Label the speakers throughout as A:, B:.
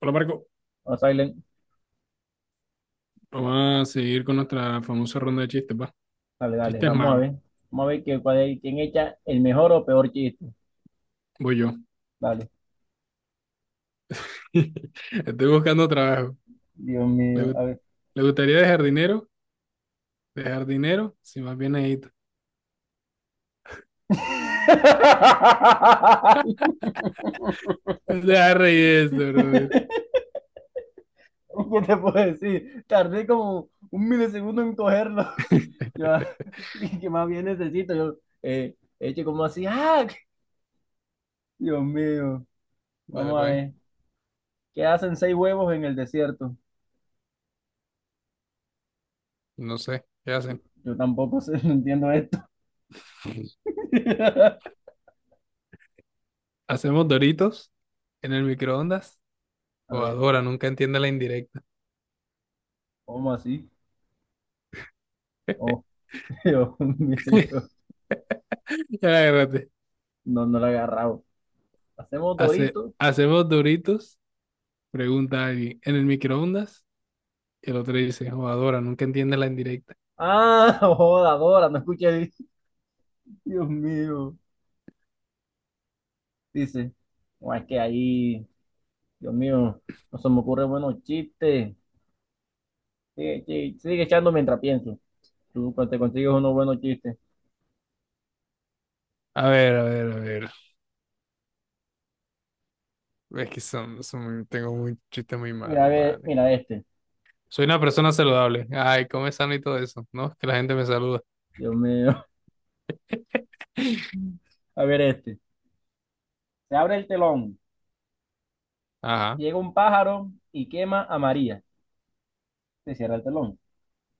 A: Hola Marco,
B: O Silent.
A: vamos a seguir con nuestra famosa ronda de chistes, va.
B: Dale, dale,
A: Chistes
B: vamos a
A: malos,
B: ver. Vamos a ver quién echa el mejor o peor chiste.
A: voy yo.
B: Dale.
A: Estoy buscando trabajo.
B: Dios
A: ¿Le,
B: mío, a
A: gu-
B: ver.
A: ¿Le gustaría dejar dinero? ¿Dejar dinero? Si más bien ahí. Deja reír eso, brother.
B: ¿Qué te puedo decir? Tardé como un milisegundo en cogerlo. Yo, ¿qué más bien necesito? Yo, eche como así, ¡ah! Dios mío.
A: Dale,
B: Vamos a
A: pues.
B: ver. ¿Qué hacen seis huevos en el desierto?
A: No sé, ¿qué hacen?
B: Yo tampoco sé, no entiendo esto.
A: ¿Hacemos doritos en el microondas?
B: A
A: O
B: ver,
A: adora, nunca entiende la indirecta.
B: ¿cómo así? Oh, Dios mío.
A: Ya agárrate.
B: No, no lo he agarrado. Hacemos
A: Hace,
B: Doritos.
A: ¿hacemos doritos? Pregunta alguien. ¿En el microondas? Y el otro dice, o adora, nunca entiende la indirecta.
B: Ah, joda, Dora, no escuché. Dios mío. Dice, no, es que ahí, Dios mío, no se me ocurren buenos chistes. Sigue, sigue, sigue echando mientras pienso. Tú te consigues unos buenos chistes.
A: A ver, a ver, a ver. Es que tengo un chiste muy
B: Mira, a
A: malo,
B: ver,
A: vale.
B: mira este.
A: Soy una persona saludable. Ay, come sano y todo eso, ¿no? Que la gente me saluda.
B: Dios mío. A ver este. Se abre el telón.
A: Ajá.
B: Llega un pájaro y quema a María. Se cierra el telón.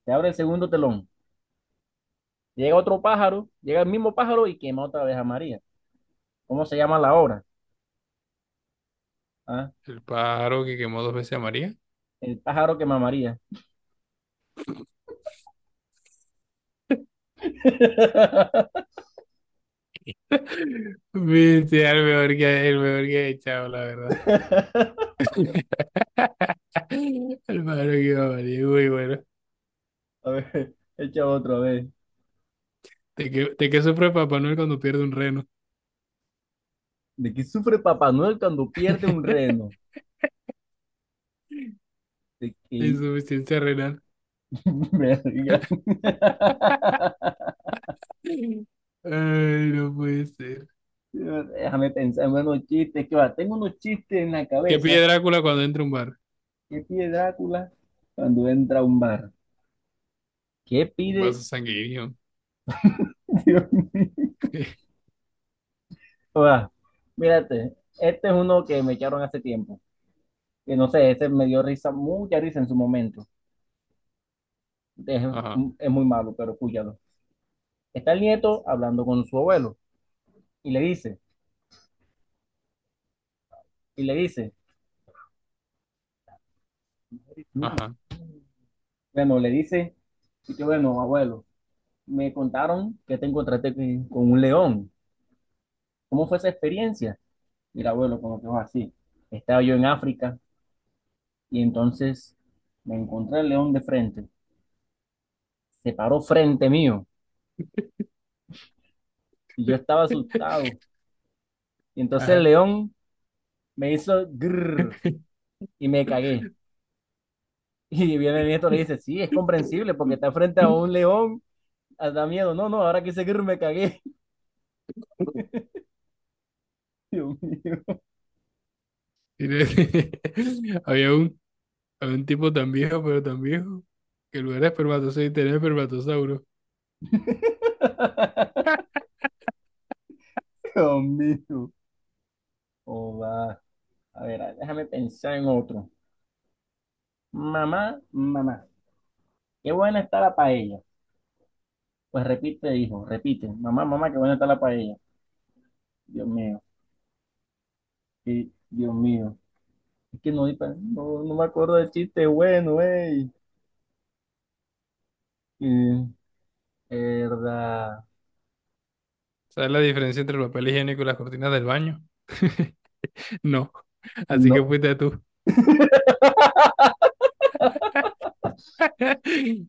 B: Se abre el segundo telón. Llega otro pájaro, llega el mismo pájaro y quema otra vez a María. ¿Cómo se llama la obra? Ah,
A: El pájaro que quemó dos veces a María.
B: el pájaro quema a María.
A: Viste, el mejor que he echado, la verdad. El pájaro que quemó a María, muy bueno.
B: A ver, echa otra vez.
A: ¿De qué sufre Papá Noel cuando pierde un reno?
B: ¿De qué sufre Papá Noel cuando pierde un reno? ¿De qué?
A: Insuficiencia renal.
B: Verga.
A: Ay, no puede ser.
B: Déjame pensar en unos chistes. Que va, tengo unos chistes en la
A: ¿Qué pide
B: cabeza.
A: Drácula cuando entra a un bar?
B: ¿Qué pide Drácula cuando entra a un bar? ¿Qué
A: Un
B: pide?
A: vaso sanguíneo.
B: Dios mío. Va, mírate, este es uno que me echaron hace tiempo. Que no sé, ese me dio risa, mucha risa en su momento. Es,
A: Ajá,
B: es muy malo, pero escúchalo. Está el nieto hablando con su abuelo. Y le dice, y le dice, "No".
A: ajá,
B: Bueno, le dice, y que bueno, abuelo, me contaron que te encontraste con un león. ¿Cómo fue esa experiencia? Y el abuelo, como que fue así. Estaba yo en África y entonces me encontré el león de frente. Se paró frente mío y yo estaba asustado. Y entonces el
A: ajá.
B: león me hizo grrr y me cagué. Y viene el nieto y le dice, sí, es comprensible porque está frente a un león, da miedo. No, no, ahora que hice grrr me cagué. Dios mío.
A: Tiene- Había un, había un tipo tan viejo, pero tan viejo, que en lugar de espermatozoide tenía espermatosauro.
B: Dios mío. Oh, va. A ver, déjame pensar en otro. Mamá, mamá, qué buena está la paella. Pues repite, hijo, repite. Mamá, mamá, qué buena está la paella. Dios mío, sí, Dios mío. Es que no, no, no me acuerdo del chiste bueno, ey. Eh, Verdad.
A: ¿Sabes la diferencia entre el papel higiénico y las cortinas del baño? No. Así que
B: No.
A: fuiste tú.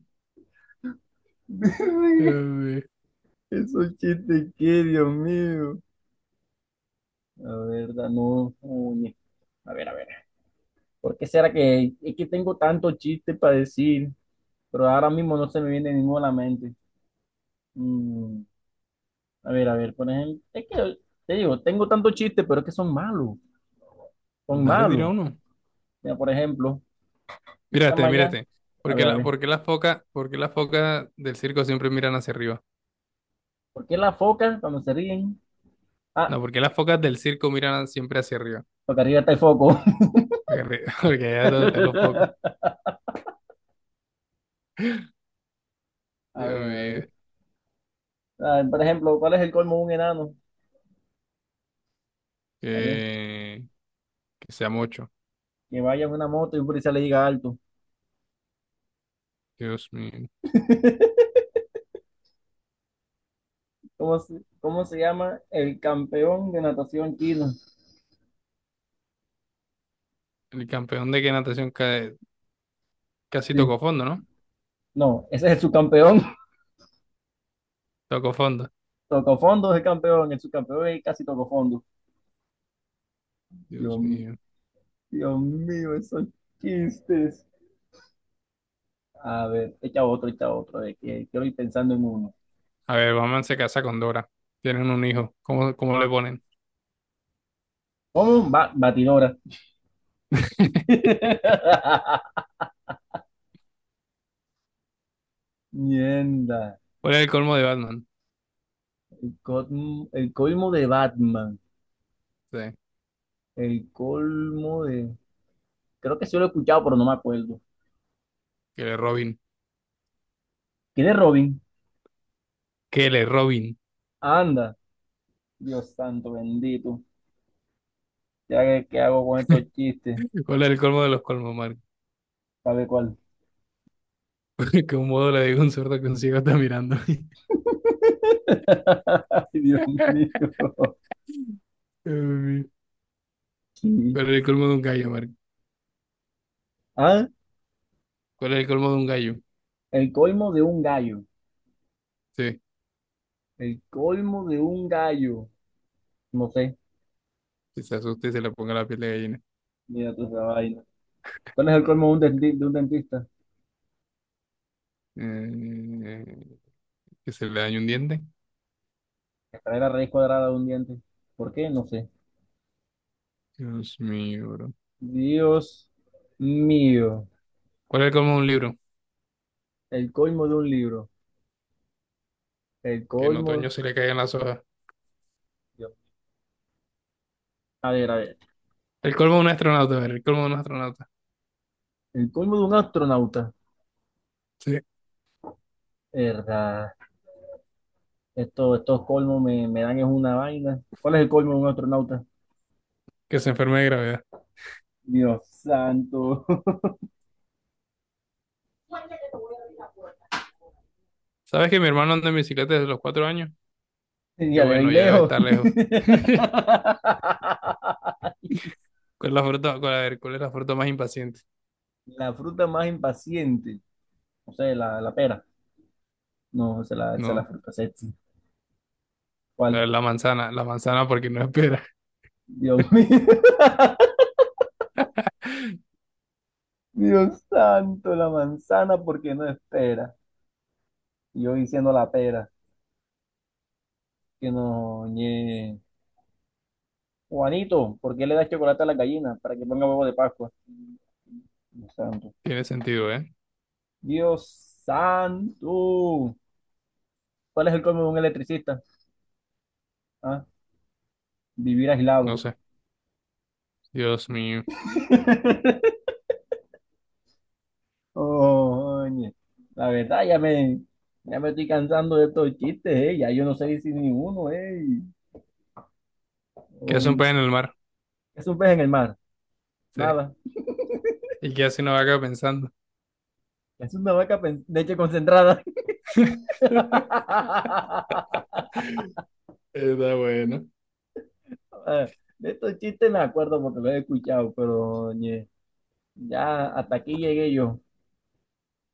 A: Eh,
B: Esos chistes, qué, Dios mío. La verdad, no. Coño. A ver, a ver. ¿Por qué será que, es que tengo tanto chiste para decir? Pero ahora mismo no se me viene ninguno a la mente. Mm, a ver, a ver, por ejemplo, es que te digo, tengo tantos chistes, pero es que son malos, son
A: No le dirá
B: malos.
A: uno.
B: Mira, por ejemplo, esta
A: Mírate,
B: mañana,
A: mírate.
B: a ver,
A: ¿Por qué las focas del circo siempre miran hacia arriba?
B: ¿por qué las focas cuando se ríen? Ah,
A: No, ¿porque las focas del circo miran siempre hacia arriba?
B: porque arriba está el foco.
A: Porque ya donde están los poco.
B: A
A: Dios
B: ver, a
A: mío.
B: ver. A ver, por ejemplo, ¿cuál es el colmo de un enano? A ver,
A: Que, que sea mucho.
B: que vaya en una moto y un policía le diga alto.
A: Dios mío.
B: ¿Cómo se llama el campeón de natación chino?
A: El campeón de qué natación ca- casi
B: Sí.
A: tocó fondo, ¿no?
B: No, ese es el subcampeón.
A: Tocó fondo.
B: Tocó fondo, es el campeón, el subcampeón y casi tocó fondo. Dios
A: Dios
B: mío,
A: mío.
B: Dios mío, esos chistes. A ver, echa otro, de que quiero ir pensando en uno.
A: A ver, Batman se casa con Dora. Tienen un hijo. ¿Cómo le ponen?
B: ¿Cómo? Batidora. Mierda.
A: ¿Cuál es el colmo de Batman?
B: El colmo de Batman.
A: Sí.
B: El colmo de. Creo que sí lo he escuchado, pero no me acuerdo.
A: Que le Robin.
B: ¿Quién es Robin?
A: Que le Robin.
B: Anda. Dios santo, bendito. Ya que, ¿qué hago con estos chistes?
A: ¿Cuál es el colmo de los colmos, Marco?
B: ¿Sabe cuál?
A: Que un modo le digo a un sordo que un ciego está mirando.
B: Ay, Dios mío.
A: Dios mío.
B: Sí.
A: ¿Cuál es el colmo de un gallo, Marco?
B: Ah,
A: ¿Cuál es el colmo de un gallo?
B: el colmo de un gallo.
A: Sí.
B: El colmo de un gallo. No sé.
A: Que se asuste y se le ponga la piel de gallina.
B: Mira tú esa vaina. ¿Cuál es el colmo de un, denti- ¿de un dentista?
A: Eh, que se le dañe un diente.
B: Que trae la raíz cuadrada de un diente. ¿Por qué? No sé.
A: Dios mío, bro.
B: Dios mío.
A: ¿Cuál es el colmo de un libro?
B: El colmo de un libro. El
A: Que en otoño
B: colmo.
A: se le caigan las hojas.
B: Dios. A ver, a ver.
A: El colmo de un astronauta, a ver, el colmo de un astronauta.
B: El colmo de un astronauta.
A: Sí.
B: Verdad. Estos colmos me dan es una vaina. ¿Cuál es el colmo de un astronauta?
A: Que se enferme de gravedad.
B: Dios santo.
A: ¿Sabes que mi hermano anda en bicicleta desde los 4 años? Que
B: Ya de ahí
A: bueno, ya debe
B: lejos.
A: estar lejos. ¿Cuál es la fruta? Cuál- a ver, ¿cuál es la fruta más impaciente?
B: La fruta más impaciente. No sé, la pera. No, esa es esa es la
A: No,
B: fruta sexy.
A: a
B: ¿Cuál?
A: ver, la manzana porque no espera.
B: Dios mío. Dios santo, la manzana, ¿por qué no espera? Y yo diciendo la pera, que no, ñe. Juanito, ¿por qué le das chocolate a la gallina para que ponga huevo de Pascua? Dios santo.
A: Tiene sentido, ¿eh?
B: Dios santo. ¿Cuál es el colmo de un electricista? Ah, vivir
A: No
B: aislado.
A: sé. Dios mío.
B: Oye, la verdad ya me estoy cansando de estos chistes, eh. Ya yo no sé si ninguno, eh.
A: ¿Qué hace un
B: Um,
A: pez en el mar?
B: ¿Qué es un pez en el mar?
A: Sí.
B: Nada.
A: ¿Y qué hace una vaca pensando?
B: Es una vaca pen- Leche concentrada.
A: Está bueno.
B: Eh, De estos chistes me acuerdo porque los he escuchado, pero oye, ya hasta aquí llegué yo.